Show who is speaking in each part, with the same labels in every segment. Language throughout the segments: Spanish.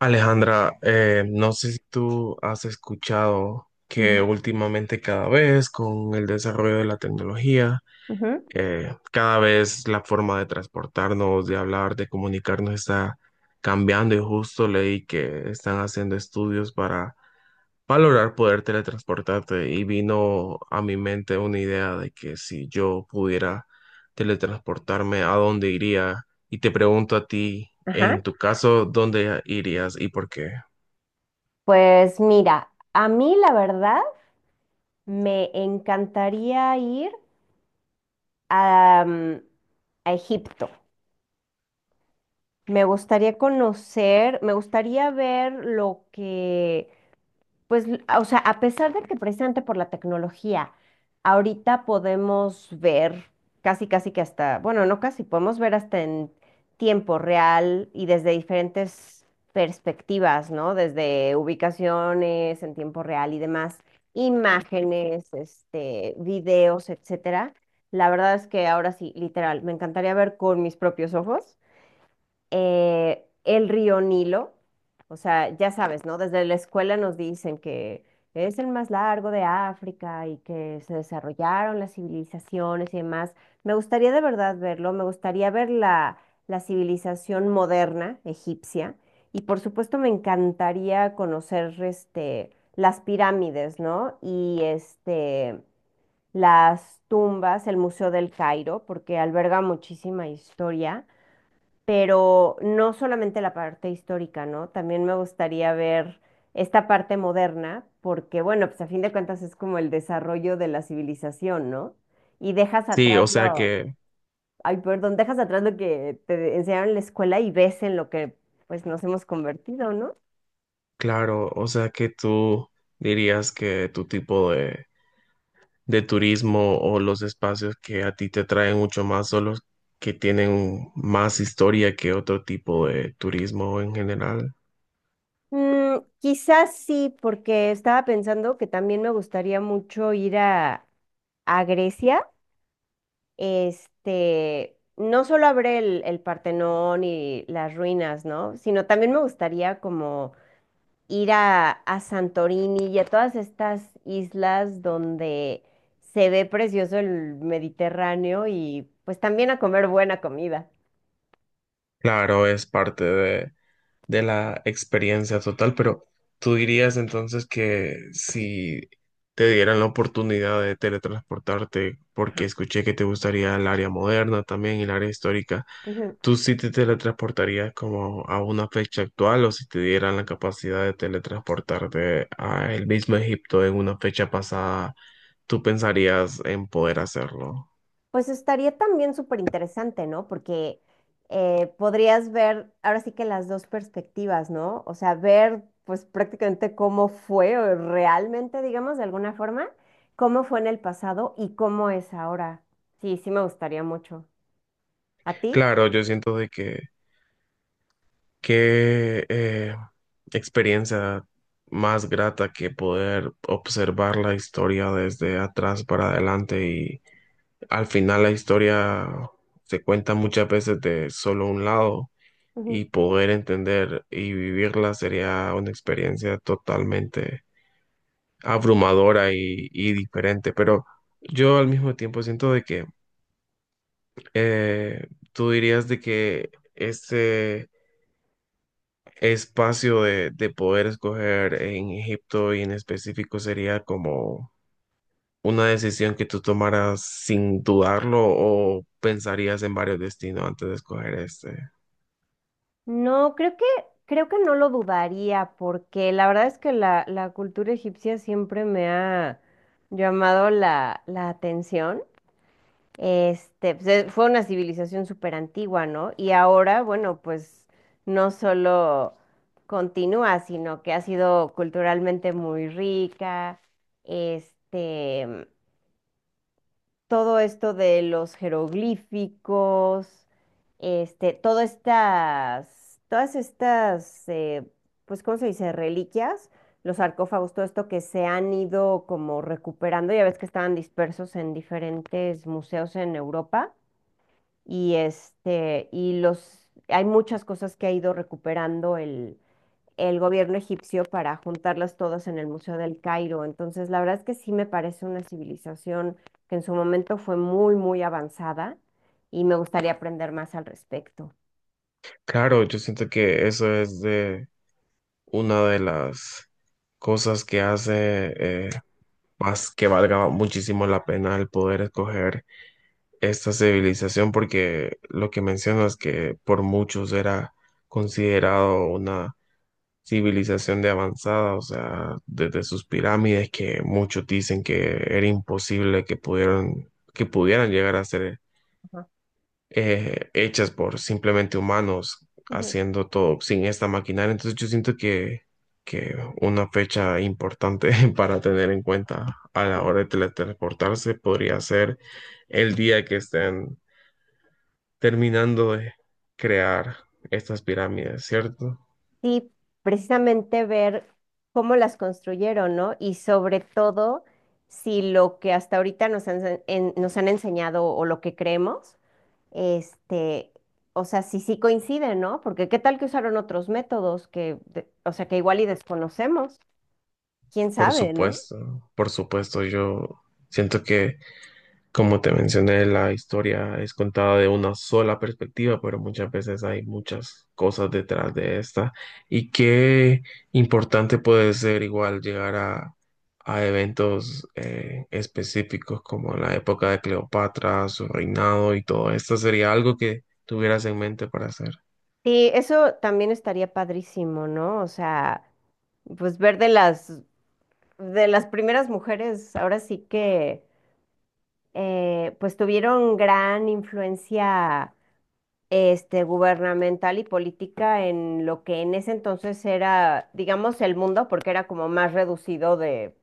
Speaker 1: Alejandra, no sé si tú has escuchado que
Speaker 2: Ujú,
Speaker 1: últimamente cada vez con el desarrollo de la tecnología,
Speaker 2: ujú,
Speaker 1: cada vez la forma de transportarnos, de hablar, de comunicarnos está cambiando y justo leí que están haciendo estudios para valorar poder teletransportarte y vino a mi mente una idea de que si yo pudiera teletransportarme, ¿a dónde iría? Y te pregunto a ti, en
Speaker 2: ajá.
Speaker 1: tu caso, ¿dónde irías y por qué?
Speaker 2: Pues mira, a mí la verdad me encantaría ir a, mm, a Egipto. Me gustaría conocer, me gustaría ver lo que... Pues, o sea, a pesar de que precisamente por la tecnología, ahorita podemos ver casi, casi que hasta, bueno, no casi, podemos ver hasta en tiempo real y desde diferentes perspectivas, ¿no? Desde ubicaciones en tiempo real y demás, imágenes, este, videos, etcétera. La verdad es que ahora sí, literal, me encantaría ver con mis propios ojos el río Nilo, o sea, ya sabes, ¿no? Desde la escuela nos dicen que es el más largo de África y que se desarrollaron las civilizaciones y demás. Me gustaría de verdad verlo, me gustaría ver la civilización moderna egipcia y por supuesto me encantaría conocer este, las pirámides, ¿no? Y este, las tumbas, el Museo del Cairo, porque alberga muchísima historia, pero no solamente la parte histórica, ¿no? También me gustaría ver esta parte moderna, porque bueno, pues a fin de cuentas es como el desarrollo de la civilización, ¿no? Y dejas
Speaker 1: Sí,
Speaker 2: atrás
Speaker 1: o sea
Speaker 2: lo...
Speaker 1: que,
Speaker 2: Ay, perdón, dejas atrás lo que te enseñaron en la escuela y ves en lo que pues nos hemos convertido, ¿no?
Speaker 1: claro, o sea que tú dirías que tu tipo de turismo o los espacios que a ti te traen mucho más son los que tienen más historia que otro tipo de turismo en general.
Speaker 2: Mm, quizás sí, porque estaba pensando que también me gustaría mucho ir a Grecia. Este, no solo habré el Partenón y las ruinas, ¿no? Sino también me gustaría como ir a Santorini y a todas estas islas donde se ve precioso el Mediterráneo y pues también a comer buena comida.
Speaker 1: Claro, es parte de la experiencia total, pero tú dirías entonces que si te dieran la oportunidad de teletransportarte, porque
Speaker 2: Ajá.
Speaker 1: escuché que te gustaría el área moderna también y el área histórica. ¿Tú sí te teletransportarías como a una fecha actual o si te dieran la capacidad de teletransportarte a el mismo Egipto en una fecha pasada, tú pensarías en poder hacerlo?
Speaker 2: Pues estaría también súper interesante, ¿no? Porque podrías ver ahora sí que las dos perspectivas, ¿no? O sea, ver pues prácticamente cómo fue o realmente, digamos, de alguna forma, cómo fue en el pasado y cómo es ahora. Sí, sí me gustaría mucho. ¿A ti?
Speaker 1: Claro, yo siento de que qué experiencia más grata que poder observar la historia desde atrás para adelante y al final la historia se cuenta muchas veces de solo un lado
Speaker 2: Ujú.
Speaker 1: y poder entender y vivirla sería una experiencia totalmente abrumadora y diferente. Pero yo al mismo tiempo siento de que tú dirías de que ese espacio de poder escoger en Egipto y en específico sería como una decisión que tú tomaras sin dudarlo o pensarías en varios destinos antes de escoger este.
Speaker 2: No, creo que no lo dudaría, porque la verdad es que la cultura egipcia siempre me ha llamado la atención. Este, pues, fue una civilización súper antigua, ¿no? Y ahora, bueno, pues no solo continúa, sino que ha sido culturalmente muy rica. Este, todo esto de los jeroglíficos, este, todas estas, pues, ¿cómo se dice? Reliquias, los sarcófagos, todo esto que se han ido como recuperando, ya ves que estaban dispersos en diferentes museos en Europa y este, y los, hay muchas cosas que ha ido recuperando el gobierno egipcio para juntarlas todas en el Museo del Cairo. Entonces, la verdad es que sí me parece una civilización que en su momento fue muy, muy avanzada y me gustaría aprender más al respecto.
Speaker 1: Claro, yo siento que eso es de una de las cosas que hace eh, más que valga muchísimo la pena el poder escoger esta civilización, porque lo que mencionas que por muchos era considerado una civilización de avanzada, o sea, desde sus pirámides que muchos dicen que era imposible que pudieran llegar a ser
Speaker 2: Ajá.
Speaker 1: hechas por simplemente humanos
Speaker 2: Ujú.
Speaker 1: haciendo todo sin esta maquinaria. Entonces yo siento que una fecha importante para tener en cuenta a la
Speaker 2: Bueno.
Speaker 1: hora de teletransportarse podría ser el día que estén terminando de crear estas pirámides, ¿cierto?
Speaker 2: Sí, precisamente ver cómo las construyeron, ¿no? Y sobre todo, si lo que hasta ahorita nos han enseñado o lo que creemos... Este, o sea, sí, sí coinciden, ¿no? Porque qué tal que usaron otros métodos que, o sea, que igual y desconocemos, quién sabe, ¿no?
Speaker 1: Por supuesto, yo siento que como te mencioné, la historia es contada de una sola perspectiva, pero muchas veces hay muchas cosas detrás de esta. Y qué importante puede ser igual llegar a eventos específicos como la época de Cleopatra, su reinado y todo esto. ¿Sería algo que tuvieras en mente para hacer?
Speaker 2: Sí, eso también estaría padrísimo, ¿no? O sea, pues ver de las, primeras mujeres, ahora sí que, pues tuvieron gran influencia, este, gubernamental y política en lo que en ese entonces era, digamos, el mundo, porque era como más reducido de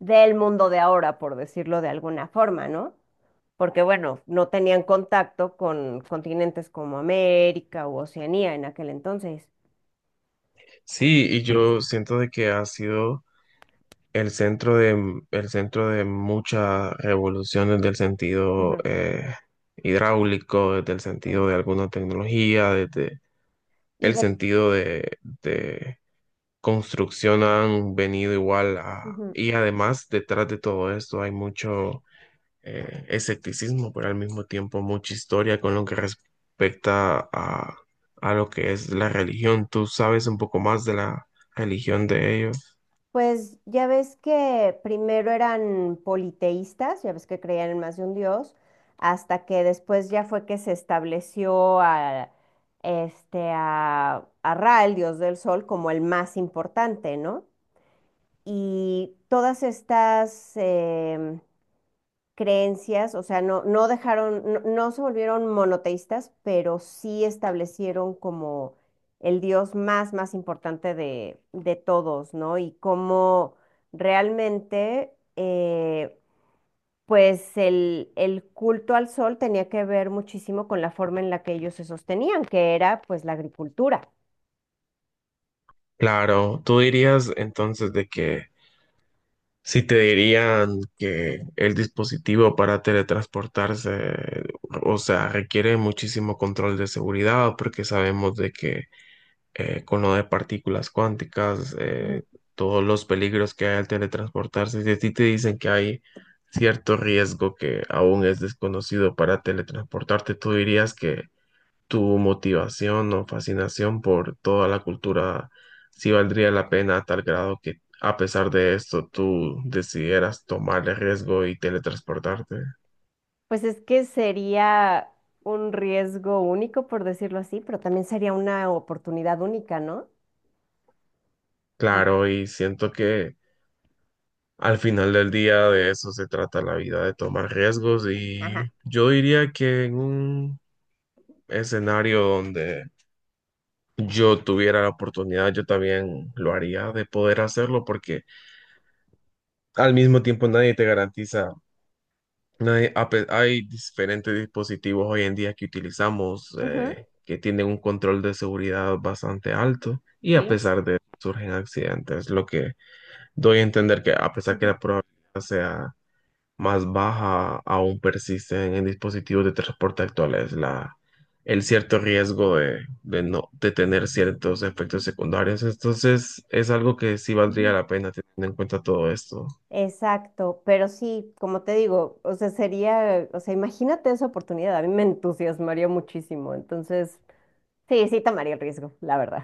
Speaker 2: del mundo de ahora, por decirlo de alguna forma, ¿no? Porque bueno, no tenían contacto con continentes como América u Oceanía en aquel entonces.
Speaker 1: Sí, y yo siento de que ha sido el centro de muchas revoluciones del sentido
Speaker 2: Ujú.
Speaker 1: hidráulico, desde el
Speaker 2: Sí.
Speaker 1: sentido de alguna tecnología, desde
Speaker 2: Y
Speaker 1: el
Speaker 2: de...
Speaker 1: sentido de construcción han venido igual a...
Speaker 2: Ujú.
Speaker 1: Y además, detrás de todo esto hay mucho escepticismo, pero al mismo tiempo mucha historia con lo que respecta a lo que es la religión. ¿Tú sabes un poco más de la religión de ellos?
Speaker 2: Pues ya ves que primero eran politeístas, ya ves que creían en más de un dios, hasta que después ya fue que se estableció a Ra, el dios del sol, como el más importante, ¿no? Y todas estas, creencias, o sea, no, no dejaron, no, no se volvieron monoteístas, pero sí establecieron como el dios más, más importante de todos, ¿no? Y cómo realmente, pues el culto al sol tenía que ver muchísimo con la forma en la que ellos se sostenían, que era pues la agricultura.
Speaker 1: Claro, tú dirías entonces de que si te dirían que el dispositivo para teletransportarse, o sea, requiere muchísimo control de seguridad, porque sabemos de que con lo de partículas cuánticas,
Speaker 2: Ujú.
Speaker 1: todos los peligros que hay al teletransportarse, si a ti te dicen que hay cierto riesgo que aún es desconocido para teletransportarte, tú dirías que tu motivación o fascinación por toda la cultura, si valdría la pena a tal grado que a pesar de esto tú decidieras tomar el riesgo y teletransportarte.
Speaker 2: Pues es que sería un riesgo único, por decirlo así, pero también sería una oportunidad única, ¿no? Mm.
Speaker 1: Claro, y siento que al final del día de eso se trata la vida, de tomar riesgos y
Speaker 2: Ajá.
Speaker 1: yo diría que en un escenario donde yo tuviera la oportunidad, yo también lo haría de poder hacerlo porque al mismo tiempo nadie te garantiza. No hay, hay diferentes dispositivos hoy en día que utilizamos
Speaker 2: Ujú.
Speaker 1: que tienen un control de seguridad bastante alto y a
Speaker 2: Sí.
Speaker 1: pesar de eso surgen accidentes, lo que doy a entender que a pesar que
Speaker 2: Ujú.
Speaker 1: la probabilidad sea más baja, aún persisten en dispositivos de transporte actuales la, el cierto riesgo de no, de tener ciertos efectos secundarios. Entonces es algo que sí valdría
Speaker 2: Ujú.
Speaker 1: la pena teniendo en cuenta todo esto.
Speaker 2: Exacto, pero sí, como te digo, o sea, sería, o sea, imagínate esa oportunidad, a mí me entusiasmaría muchísimo, entonces, sí, sí tomaría el riesgo, la verdad.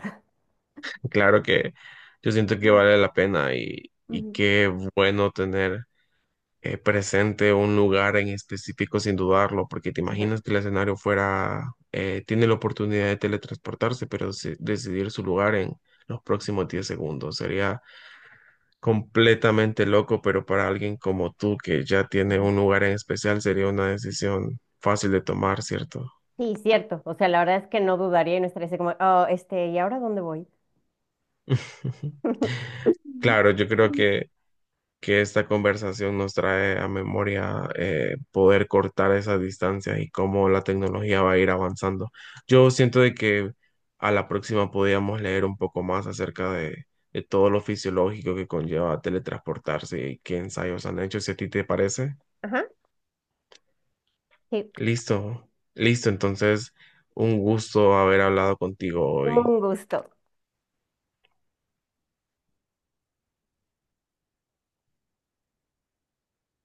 Speaker 1: Claro que yo siento que vale la pena y
Speaker 2: Ujú.
Speaker 1: qué bueno tener presente un lugar en específico sin dudarlo, porque te
Speaker 2: Ujú.
Speaker 1: imaginas que el escenario fuera, tiene la oportunidad de teletransportarse, pero decidir su lugar en los próximos 10 segundos. Sería completamente loco, pero para alguien como tú que ya tiene
Speaker 2: Ujú.
Speaker 1: un lugar en especial sería una decisión fácil de tomar, ¿cierto?
Speaker 2: Sí, cierto, o sea, la verdad es que no dudaría y no estaría así como, oh, este, ¿y ahora dónde voy? Ujú.
Speaker 1: Claro, yo creo que esta conversación nos trae a memoria poder cortar esas distancias y cómo la tecnología va a ir avanzando. Yo siento de que a la próxima podríamos leer un poco más acerca de todo lo fisiológico que conlleva teletransportarse y qué ensayos han hecho, si a ti te parece.
Speaker 2: Ajá. Sí,
Speaker 1: Listo, listo, entonces un gusto haber hablado contigo hoy.
Speaker 2: un gusto.